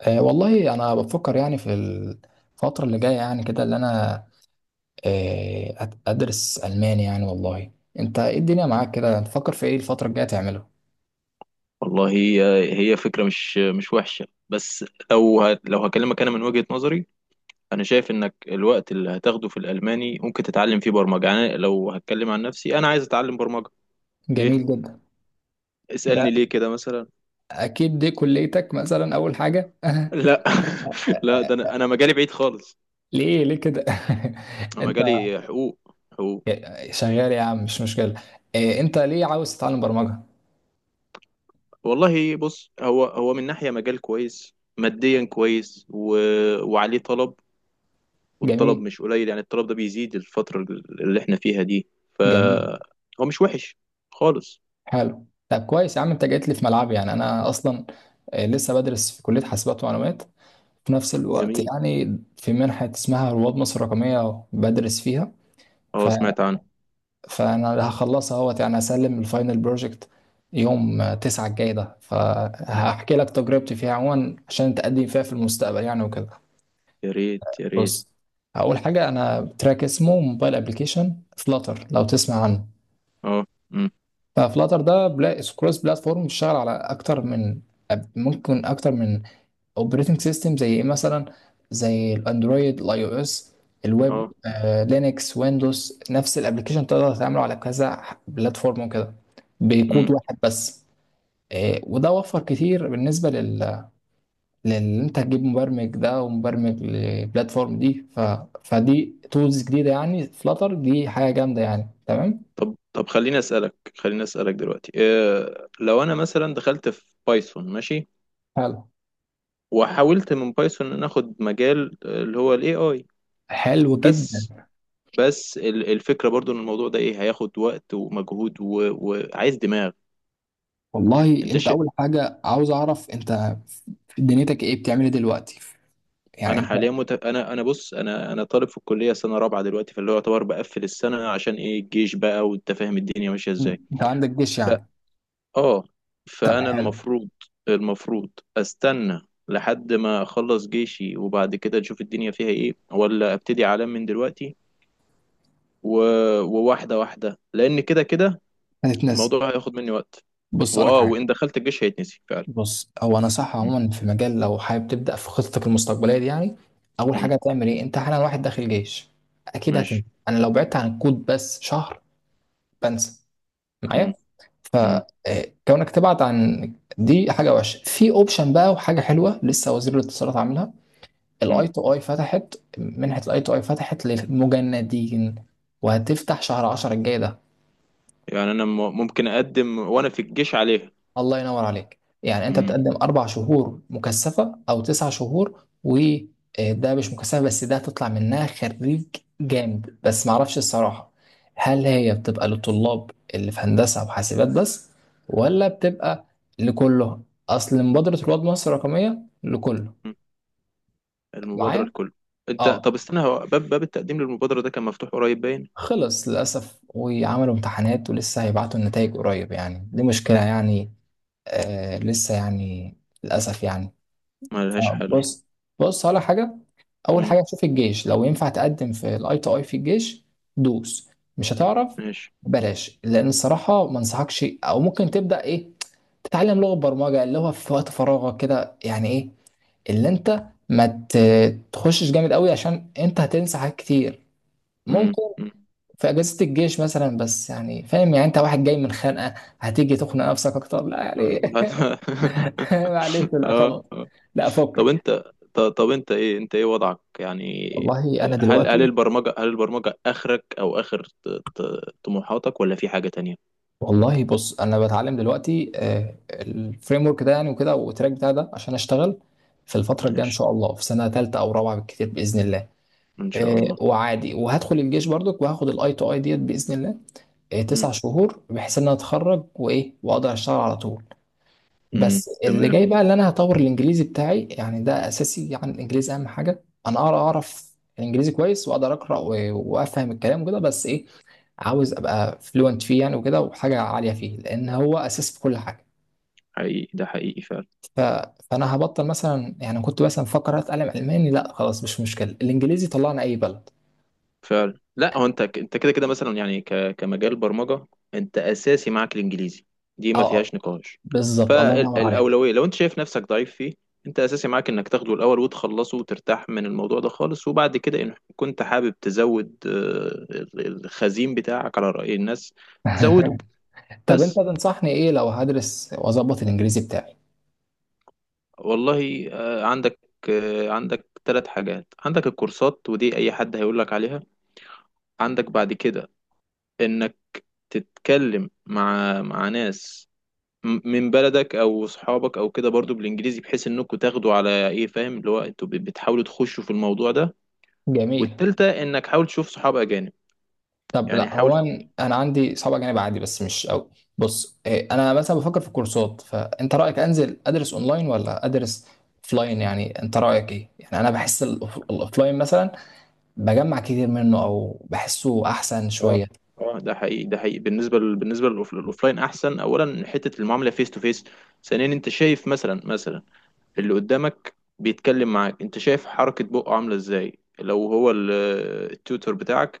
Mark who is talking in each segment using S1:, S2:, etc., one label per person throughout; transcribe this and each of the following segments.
S1: والله انا بفكر يعني في الفتره اللي جايه يعني كده اللي انا ادرس الماني يعني والله. انت ايه الدنيا معاك كده تفكر في ايه الفتره الجايه تعمله؟
S2: والله، هي فكرة مش وحشة. بس لو هكلمك، أنا من وجهة نظري أنا شايف إنك الوقت اللي هتاخده في الألماني ممكن تتعلم فيه برمجة. يعني أنا لو هتكلم عن نفسي، أنا عايز أتعلم برمجة. ليه؟
S1: جميل جدا. ده
S2: اسألني ليه كده مثلا.
S1: اكيد دي كليتك مثلا اول حاجه
S2: لا لا، ده أنا مجالي بعيد خالص.
S1: ليه ليه كده؟
S2: أنا
S1: انت
S2: مجالي حقوق، حقوق.
S1: شغال يا عم مش مشكله. أه انت ليه عاوز تتعلم برمجه؟
S2: والله بص، هو من ناحية مجال كويس، ماديا كويس وعليه طلب. والطلب
S1: جميل.
S2: مش قليل، يعني الطلب ده بيزيد الفترة اللي احنا فيها دي.
S1: جميل.
S2: فهو مش وحش خالص.
S1: حلو. طب كويس يا عم انت جيت لي في ملعبي يعني انا اصلا أه لسه بدرس في كليه حاسبات ومعلومات. في نفس الوقت
S2: جميل.
S1: يعني في منحة اسمها رواد مصر الرقمية بدرس فيها. ف...
S2: اه، سمعت عنه.
S1: فأنا اللي هخلصها اهوت يعني هسلم الفاينل بروجكت يوم تسعة الجاي ده، فهحكي لك تجربتي فيها عموما عشان تقدم فيها في المستقبل يعني وكده.
S2: يا ريت يا ريت.
S1: بص، أول حاجة أنا تراك اسمه موبايل أبليكيشن فلاتر لو تسمع عنه.
S2: اه. امم.
S1: ففلاتر ده كروس بلاتفورم بيشتغل على أكتر من ممكن أكتر من اوبريتنج سيستم، زي ايه مثلا؟ زي الاندرويد، الاي او اس، الويب،
S2: اه.
S1: لينكس، ويندوز. نفس الابلكيشن تقدر تعمله على كذا بلاتفورم وكده بكود
S2: امم.
S1: واحد بس. وده وفر كتير بالنسبه لل، لان انت تجيب مبرمج ده ومبرمج للبلاتفورم دي. فدي تولز جديده يعني، فلاتر دي حاجه جامده يعني. تمام.
S2: طب خليني اسألك دلوقتي إيه، لو انا مثلا دخلت في بايثون، ماشي،
S1: حلو.
S2: وحاولت من بايثون ان اخد مجال اللي هو الاي اي،
S1: حلو
S2: بس
S1: جدا.
S2: بس الفكرة برضو ان الموضوع ده ايه، هياخد وقت ومجهود وعايز دماغ.
S1: والله
S2: انت
S1: انت
S2: ش...
S1: اول حاجه عاوز اعرف انت دنيتك ايه، بتعمل ايه دلوقتي يعني؟ انت
S2: انا بص، انا طالب في الكليه سنه رابعه دلوقتي، فاللي هو يعتبر بقفل السنه، عشان ايه، الجيش بقى، وانت فاهم الدنيا ماشيه ازاي.
S1: انت عندك جيش
S2: ف
S1: يعني؟
S2: اه
S1: طب
S2: فانا
S1: حلو.
S2: المفروض استنى لحد ما اخلص جيشي، وبعد كده اشوف الدنيا فيها ايه، ولا ابتدي اعلم من دلوقتي و... وواحده واحده، لان كده كده
S1: هتتنسى.
S2: الموضوع هياخد مني وقت.
S1: بص لك حاجه.
S2: وان دخلت الجيش هيتنسي فعلا.
S1: بص، هو انا صح
S2: م-
S1: عموما في مجال لو حابب تبدا في خطتك المستقبليه دي يعني. اول
S2: م-
S1: حاجه هتعمل ايه، انت حالا واحد داخل جيش، اكيد هتنسى.
S2: ماشي.
S1: انا لو بعدت عن الكود بس شهر بنسى
S2: م-
S1: معايا.
S2: م-
S1: فكونك تبعد عن دي حاجه وحشه. في اوبشن بقى وحاجه حلوه لسه وزير الاتصالات عاملها،
S2: م.
S1: الاي تو اي فتحت منحه، الاي تو اي فتحت للمجندين وهتفتح شهر 10 الجاي ده.
S2: يعني انا ممكن اقدم وانا في الجيش عليها.
S1: الله ينور عليك يعني، انت بتقدم
S2: م-
S1: اربع شهور مكثفه او تسع شهور وده مش مكثفه، بس ده هتطلع منها خريج جامد. بس معرفش الصراحه هل هي بتبقى للطلاب اللي في هندسه وحاسبات بس، ولا بتبقى لكله؟ اصل مبادره رواد مصر الرقميه لكله.
S2: المبادرة
S1: معايا؟
S2: الكل. انت،
S1: اه
S2: طب استنى، هو باب التقديم للمبادرة ده كان مفتوح قريب باين.
S1: خلص للاسف وعملوا امتحانات ولسه هيبعتوا النتائج قريب يعني، دي مشكله يعني. آه لسه يعني، للاسف يعني.
S2: ملهاش حل.
S1: بص. بص على حاجه. اول
S2: مم.
S1: حاجه شوف الجيش لو ينفع تقدم في الاي تو اي في الجيش. دوس. مش هتعرف،
S2: ماشي.
S1: بلاش، لان الصراحه ما انصحكش. او ممكن تبدا ايه، تتعلم لغه برمجه اللي هو في وقت فراغك كده يعني، ايه اللي انت ما ت- تخشش جامد قوي عشان انت هتنسى حاجات كتير.
S2: مم.
S1: ممكن
S2: مم.
S1: في اجازه الجيش مثلا، بس يعني فاهم يعني، انت واحد جاي من خانقه هتيجي تخنق نفسك اكتر؟ لا يعني
S2: اه
S1: معلش، لا
S2: اه.
S1: خلاص،
S2: آه.
S1: لا
S2: طب
S1: فكك.
S2: انت، طب انت ايه، انت ايه وضعك يعني؟
S1: والله انا
S2: هل هل
S1: دلوقتي،
S2: البرمجة هل البرمجة اخرك، او اخر طموحاتك، ولا في حاجة تانية؟
S1: والله بص انا بتعلم دلوقتي الفريم ورك ده يعني وكده، والتراك بتاع ده عشان اشتغل في الفتره الجايه ان
S2: ماشي.
S1: شاء الله في سنه ثالثه او رابعه بالكتير باذن الله.
S2: ان شاء الله.
S1: وعادي، وهدخل الجيش برضك وهاخد الاي تو اي ديت باذن الله.
S2: مم.
S1: تسع شهور بحيث ان انا اتخرج وايه واقدر اشتغل على طول.
S2: مم.
S1: بس اللي
S2: تمام.
S1: جاي بقى ان انا هطور الانجليزي بتاعي يعني، ده اساسي يعني. الانجليزي اهم حاجه، انا اقرا اعرف الانجليزي كويس واقدر اقرا وافهم الكلام كده، بس ايه، عاوز ابقى فلوينت فيه يعني وكده، وحاجه عاليه فيه، لان هو اساس في كل حاجه.
S2: حقيقي، ده حقيقي فعلا.
S1: ف... فانا هبطل مثلا يعني، كنت مثلا مفكر اتعلم الماني، لا خلاص مش مشكله، الانجليزي طلعنا اي بلد.
S2: فعلا، لا هو انت كده كده مثلا يعني، ك... كمجال برمجه. انت اساسي معاك الانجليزي، دي
S1: اه
S2: ما فيهاش نقاش.
S1: بالظبط الله ينور عليك.
S2: فالاولويه لو انت شايف نفسك ضعيف فيه، انت اساسي معاك انك تاخده الاول وتخلصه وترتاح من الموضوع ده خالص. وبعد كده ان كنت حابب تزود، الخزين بتاعك على راي الناس، زوده
S1: طب انت
S2: بس.
S1: تنصحني ايه لو هدرس واظبط الانجليزي بتاعي؟
S2: والله عندك 3 حاجات: عندك الكورسات، ودي اي حد هيقول لك عليها. عندك بعد كده انك تتكلم مع ناس من بلدك او صحابك او كده، برضو بالانجليزي، بحيث انكم تاخدوا على ايه، فاهم، اللي هو انتوا بتحاولوا تخشوا في الموضوع ده.
S1: جميل.
S2: والتالتة، انك حاول تشوف صحاب اجانب،
S1: طب
S2: يعني
S1: لا
S2: حاول.
S1: هو انا أنا عندي صعب جانب عادي بس مش قوي. بص انا مثلا بفكر في الكورسات، فانت رايك انزل ادرس اونلاين ولا ادرس اوفلاين يعني؟ انت رايك ايه يعني؟ انا بحس الاوفلاين مثلا بجمع كتير منه او بحسه احسن
S2: اه
S1: شويه.
S2: اه، ده حقيقي، ده حقيقي. بالنسبه بالنسبه للاوفلاين احسن. اولا، حته المعامله فيس تو فيس. ثانيا، انت شايف مثلا اللي قدامك بيتكلم معاك، انت شايف حركه بقه عامله ازاي، لو هو التيوتر بتاعك،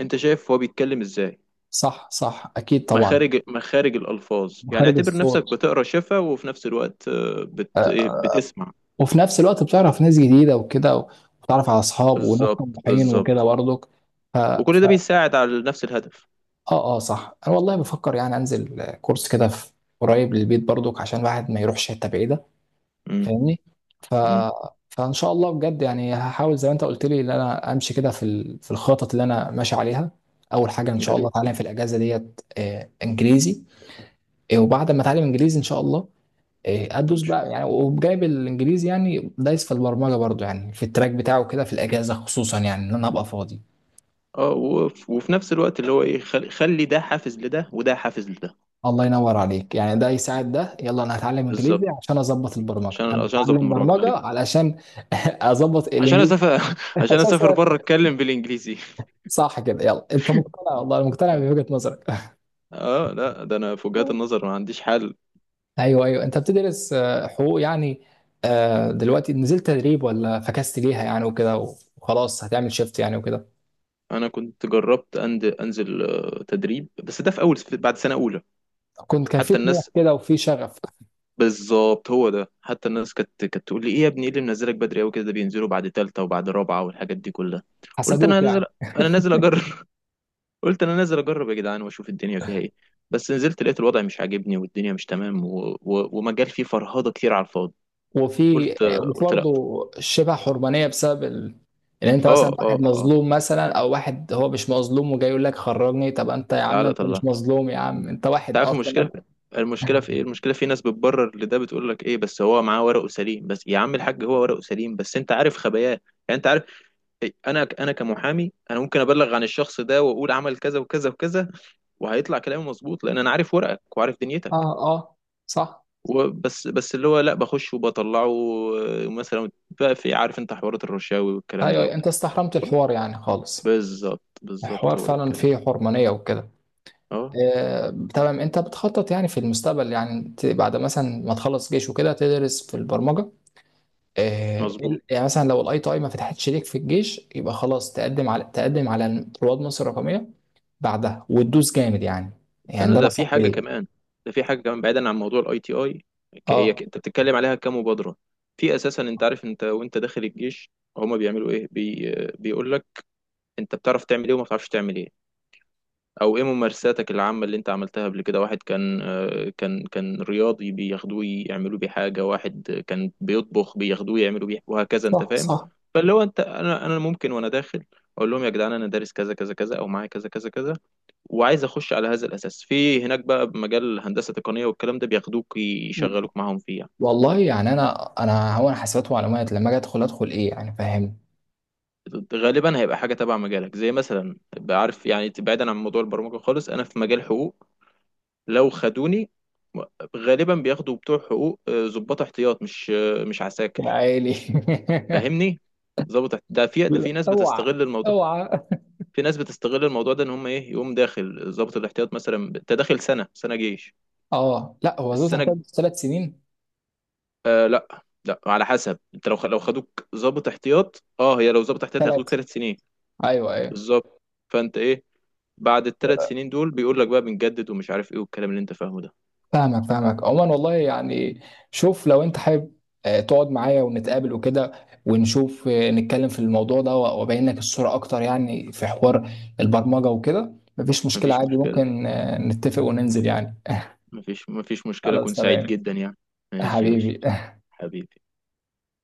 S2: انت شايف هو بيتكلم ازاي.
S1: صح صح، اكيد طبعا.
S2: مخارج، مخارج الألفاظ، يعني
S1: مخارج
S2: اعتبر نفسك
S1: الصوت.
S2: بتقرا شفا، وفي نفس الوقت آه، بت...
S1: آه،
S2: إيه، بتسمع.
S1: وفي نفس الوقت بتعرف ناس جديده وكده، وبتعرف على اصحاب وناس
S2: بالظبط،
S1: طموحين وكده
S2: بالظبط،
S1: برضك. ف...
S2: وكل
S1: ف...
S2: ده بيساعد على نفس الهدف.
S1: اه اه صح، انا والله بفكر يعني انزل كورس كده في قريب للبيت برضك عشان الواحد ما يروحش حته بعيده،
S2: امم.
S1: فاهمني؟ ف...
S2: امم.
S1: فان شاء الله بجد يعني، هحاول زي ما انت قلت لي ان انا امشي كده في في الخطط اللي انا ماشي عليها. اول حاجه ان
S2: يا
S1: شاء الله
S2: ريت.
S1: اتعلم في الاجازه ديت انجليزي. وبعد ما اتعلم انجليزي ان شاء الله
S2: ان
S1: ادوس
S2: شاء
S1: بقى
S2: الله.
S1: يعني، وجايب الانجليزي يعني دايس في البرمجه برضو يعني في التراك بتاعه كده في الاجازه خصوصا يعني ان انا ابقى فاضي.
S2: اه وفي نفس الوقت اللي هو ايه، خلي ده حافز لده، وده حافز لده.
S1: الله ينور عليك، يعني ده يساعد ده، يلا انا هتعلم انجليزي
S2: بالظبط.
S1: عشان اظبط البرمجه،
S2: عشان
S1: انا
S2: عشان اظبط
S1: هتعلم
S2: المراجعه، ايوه.
S1: برمجه علشان اظبط
S2: عشان
S1: الانجليزي
S2: اسافر عشان اسافر
S1: اساسا.
S2: بره، اتكلم بالانجليزي.
S1: صح كده، يلا انت مقتنع، والله أنا مقتنع بوجهه نظرك
S2: اه، لا، ده انا في وجهات النظر ما عنديش حل.
S1: ايوه ايوه، انت بتدرس حقوق يعني. دلوقتي نزلت تدريب ولا فكست ليها يعني وكده، وخلاص هتعمل شيفت يعني وكده؟
S2: انا كنت جربت انزل تدريب، بس ده في اول بعد سنه اولى.
S1: كنت كان في
S2: حتى الناس
S1: طموح كده وفي شغف.
S2: بالظبط، هو ده. حتى الناس كانت تقول لي ايه يا ابني، ايه اللي منزلك بدري قوي كده، ده بينزلوا بعد تالتة وبعد رابعة والحاجات دي كلها. قلت
S1: حسدوك
S2: انا نازل،
S1: يعني.
S2: انا نازل اجرب. قلت انا نازل اجرب يا جدعان واشوف الدنيا فيها ايه. بس نزلت لقيت الوضع مش عاجبني والدنيا مش تمام، ومجال فيه فرهضة كتير على الفاضي.
S1: وفي
S2: قلت
S1: وفي
S2: قلت لا.
S1: برضه شبه حرمانيه بسبب ان انت
S2: اه
S1: مثلا
S2: اه
S1: واحد
S2: اه.
S1: مظلوم مثلا، او واحد هو مش مظلوم وجاي يقول لك خرجني، طب انت يا عم
S2: تعالى
S1: انت
S2: طلع،
S1: مش
S2: انت
S1: مظلوم يا عم، انت واحد
S2: عارف
S1: اصلا
S2: المشكلة.
S1: قادر.
S2: المشكلة في ايه؟ المشكلة في ناس بتبرر لده، بتقول لك ايه، بس هو معاه ورقه سليم. بس يا عم الحاج، هو ورقه سليم، بس انت عارف خباياه يعني. انت عارف إيه، انا كمحامي، انا ممكن ابلغ عن الشخص ده واقول عمل كذا وكذا وكذا، وهيطلع كلامي مظبوط، لان انا عارف ورقك وعارف دنيتك.
S1: اه اه صح.
S2: وبس اللي هو لا بخش وبطلعه. مثلا بقى في، عارف انت حوارات الرشاوي والكلام ده.
S1: ايوه انت استحرمت
S2: وكل
S1: الحوار يعني خالص.
S2: بالظبط، بالظبط،
S1: الحوار
S2: هو ده
S1: فعلا
S2: الكلام.
S1: فيه حرمانية وكده.
S2: اه،
S1: تمام. انت بتخطط يعني في المستقبل يعني، بعد مثلا ما تخلص جيش وكده تدرس في البرمجة.
S2: مظبوط.
S1: يعني مثلا لو الاي تي اي ما فتحتش ليك في الجيش يبقى خلاص تقدم على، تقدم على رواد مصر الرقميه بعدها وتدوس جامد يعني. يعني
S2: استنى،
S1: ده
S2: ده في
S1: نصيحتي
S2: حاجه
S1: ليه.
S2: كمان. ده في حاجه كمان بعيدا عن موضوع الاي تي اي. هي
S1: اه
S2: انت بتتكلم عليها كمبادره، في اساسا انت عارف، انت وانت داخل الجيش هما بيعملوا ايه. بيقول لك، انت بتعرف تعمل ايه، وما بتعرفش تعمل ايه، او ايه ممارساتك العامة اللي انت عملتها قبل كده. واحد كان آه، كان كان رياضي بياخدوه يعملوا بيه حاجة. واحد كان بيطبخ بياخدوه يعملوا بيه، وهكذا، انت
S1: صح
S2: فاهم.
S1: صح.
S2: فاللي هو انت، انا ممكن وانا داخل اقول لهم يا جدعان انا دارس كذا كذا كذا، او معايا كذا كذا كذا، وعايز اخش على هذا الاساس في هناك بقى، بمجال هندسة تقنية والكلام ده، بياخدوك يشغلوك معاهم فيه يعني.
S1: والله يعني انا انا هو، انا حسابات ومعلومات لما اجي ادخل ادخل ايه يعني، فاهمني؟
S2: غالبا هيبقى حاجة تبع مجالك، زي مثلا، بعرف يعني، بعيدا عن موضوع البرمجة خالص، انا في مجال حقوق، لو خدوني غالبا بياخدوا بتوع حقوق ضباط احتياط، مش
S1: يا
S2: عساكر،
S1: عيني
S2: فاهمني. ده في ده
S1: لا،
S2: في ناس
S1: اوعى،
S2: بتستغل الموضوع.
S1: اوعى.
S2: في ناس بتستغل الموضوع ده، ان هم ايه، يقوم داخل ضابط الاحتياط مثلا. انت داخل سنه، سنه جيش.
S1: اه لا هو زود
S2: السنه الج-
S1: تحتها ثلاث سنين.
S2: آه لا لا، على حسب. انت لو خدوك ضابط احتياط، اه، هي لو ضابط احتياط هياخدوك
S1: ثلاث.
S2: 3 سنين.
S1: ايوه ايوه.
S2: بالظبط. فانت ايه؟ بعد الثلاث سنين دول بيقول لك بقى، بنجدد ومش عارف ايه، والكلام اللي انت فاهمه ده.
S1: فاهمك فاهمك عموما، والله يعني شوف لو انت حابب تقعد معايا ونتقابل وكده ونشوف نتكلم في الموضوع ده وابين لك الصورة اكتر يعني، في حوار البرمجة وكده مفيش مشكلة
S2: مفيش
S1: عادي،
S2: مشكله،
S1: ممكن نتفق وننزل يعني.
S2: مفيش مشكله، اكون
S1: خلاص
S2: سعيد
S1: تمام.
S2: جدا يعني. ماشي يا باشا.
S1: حبيبي.
S2: حبيبي.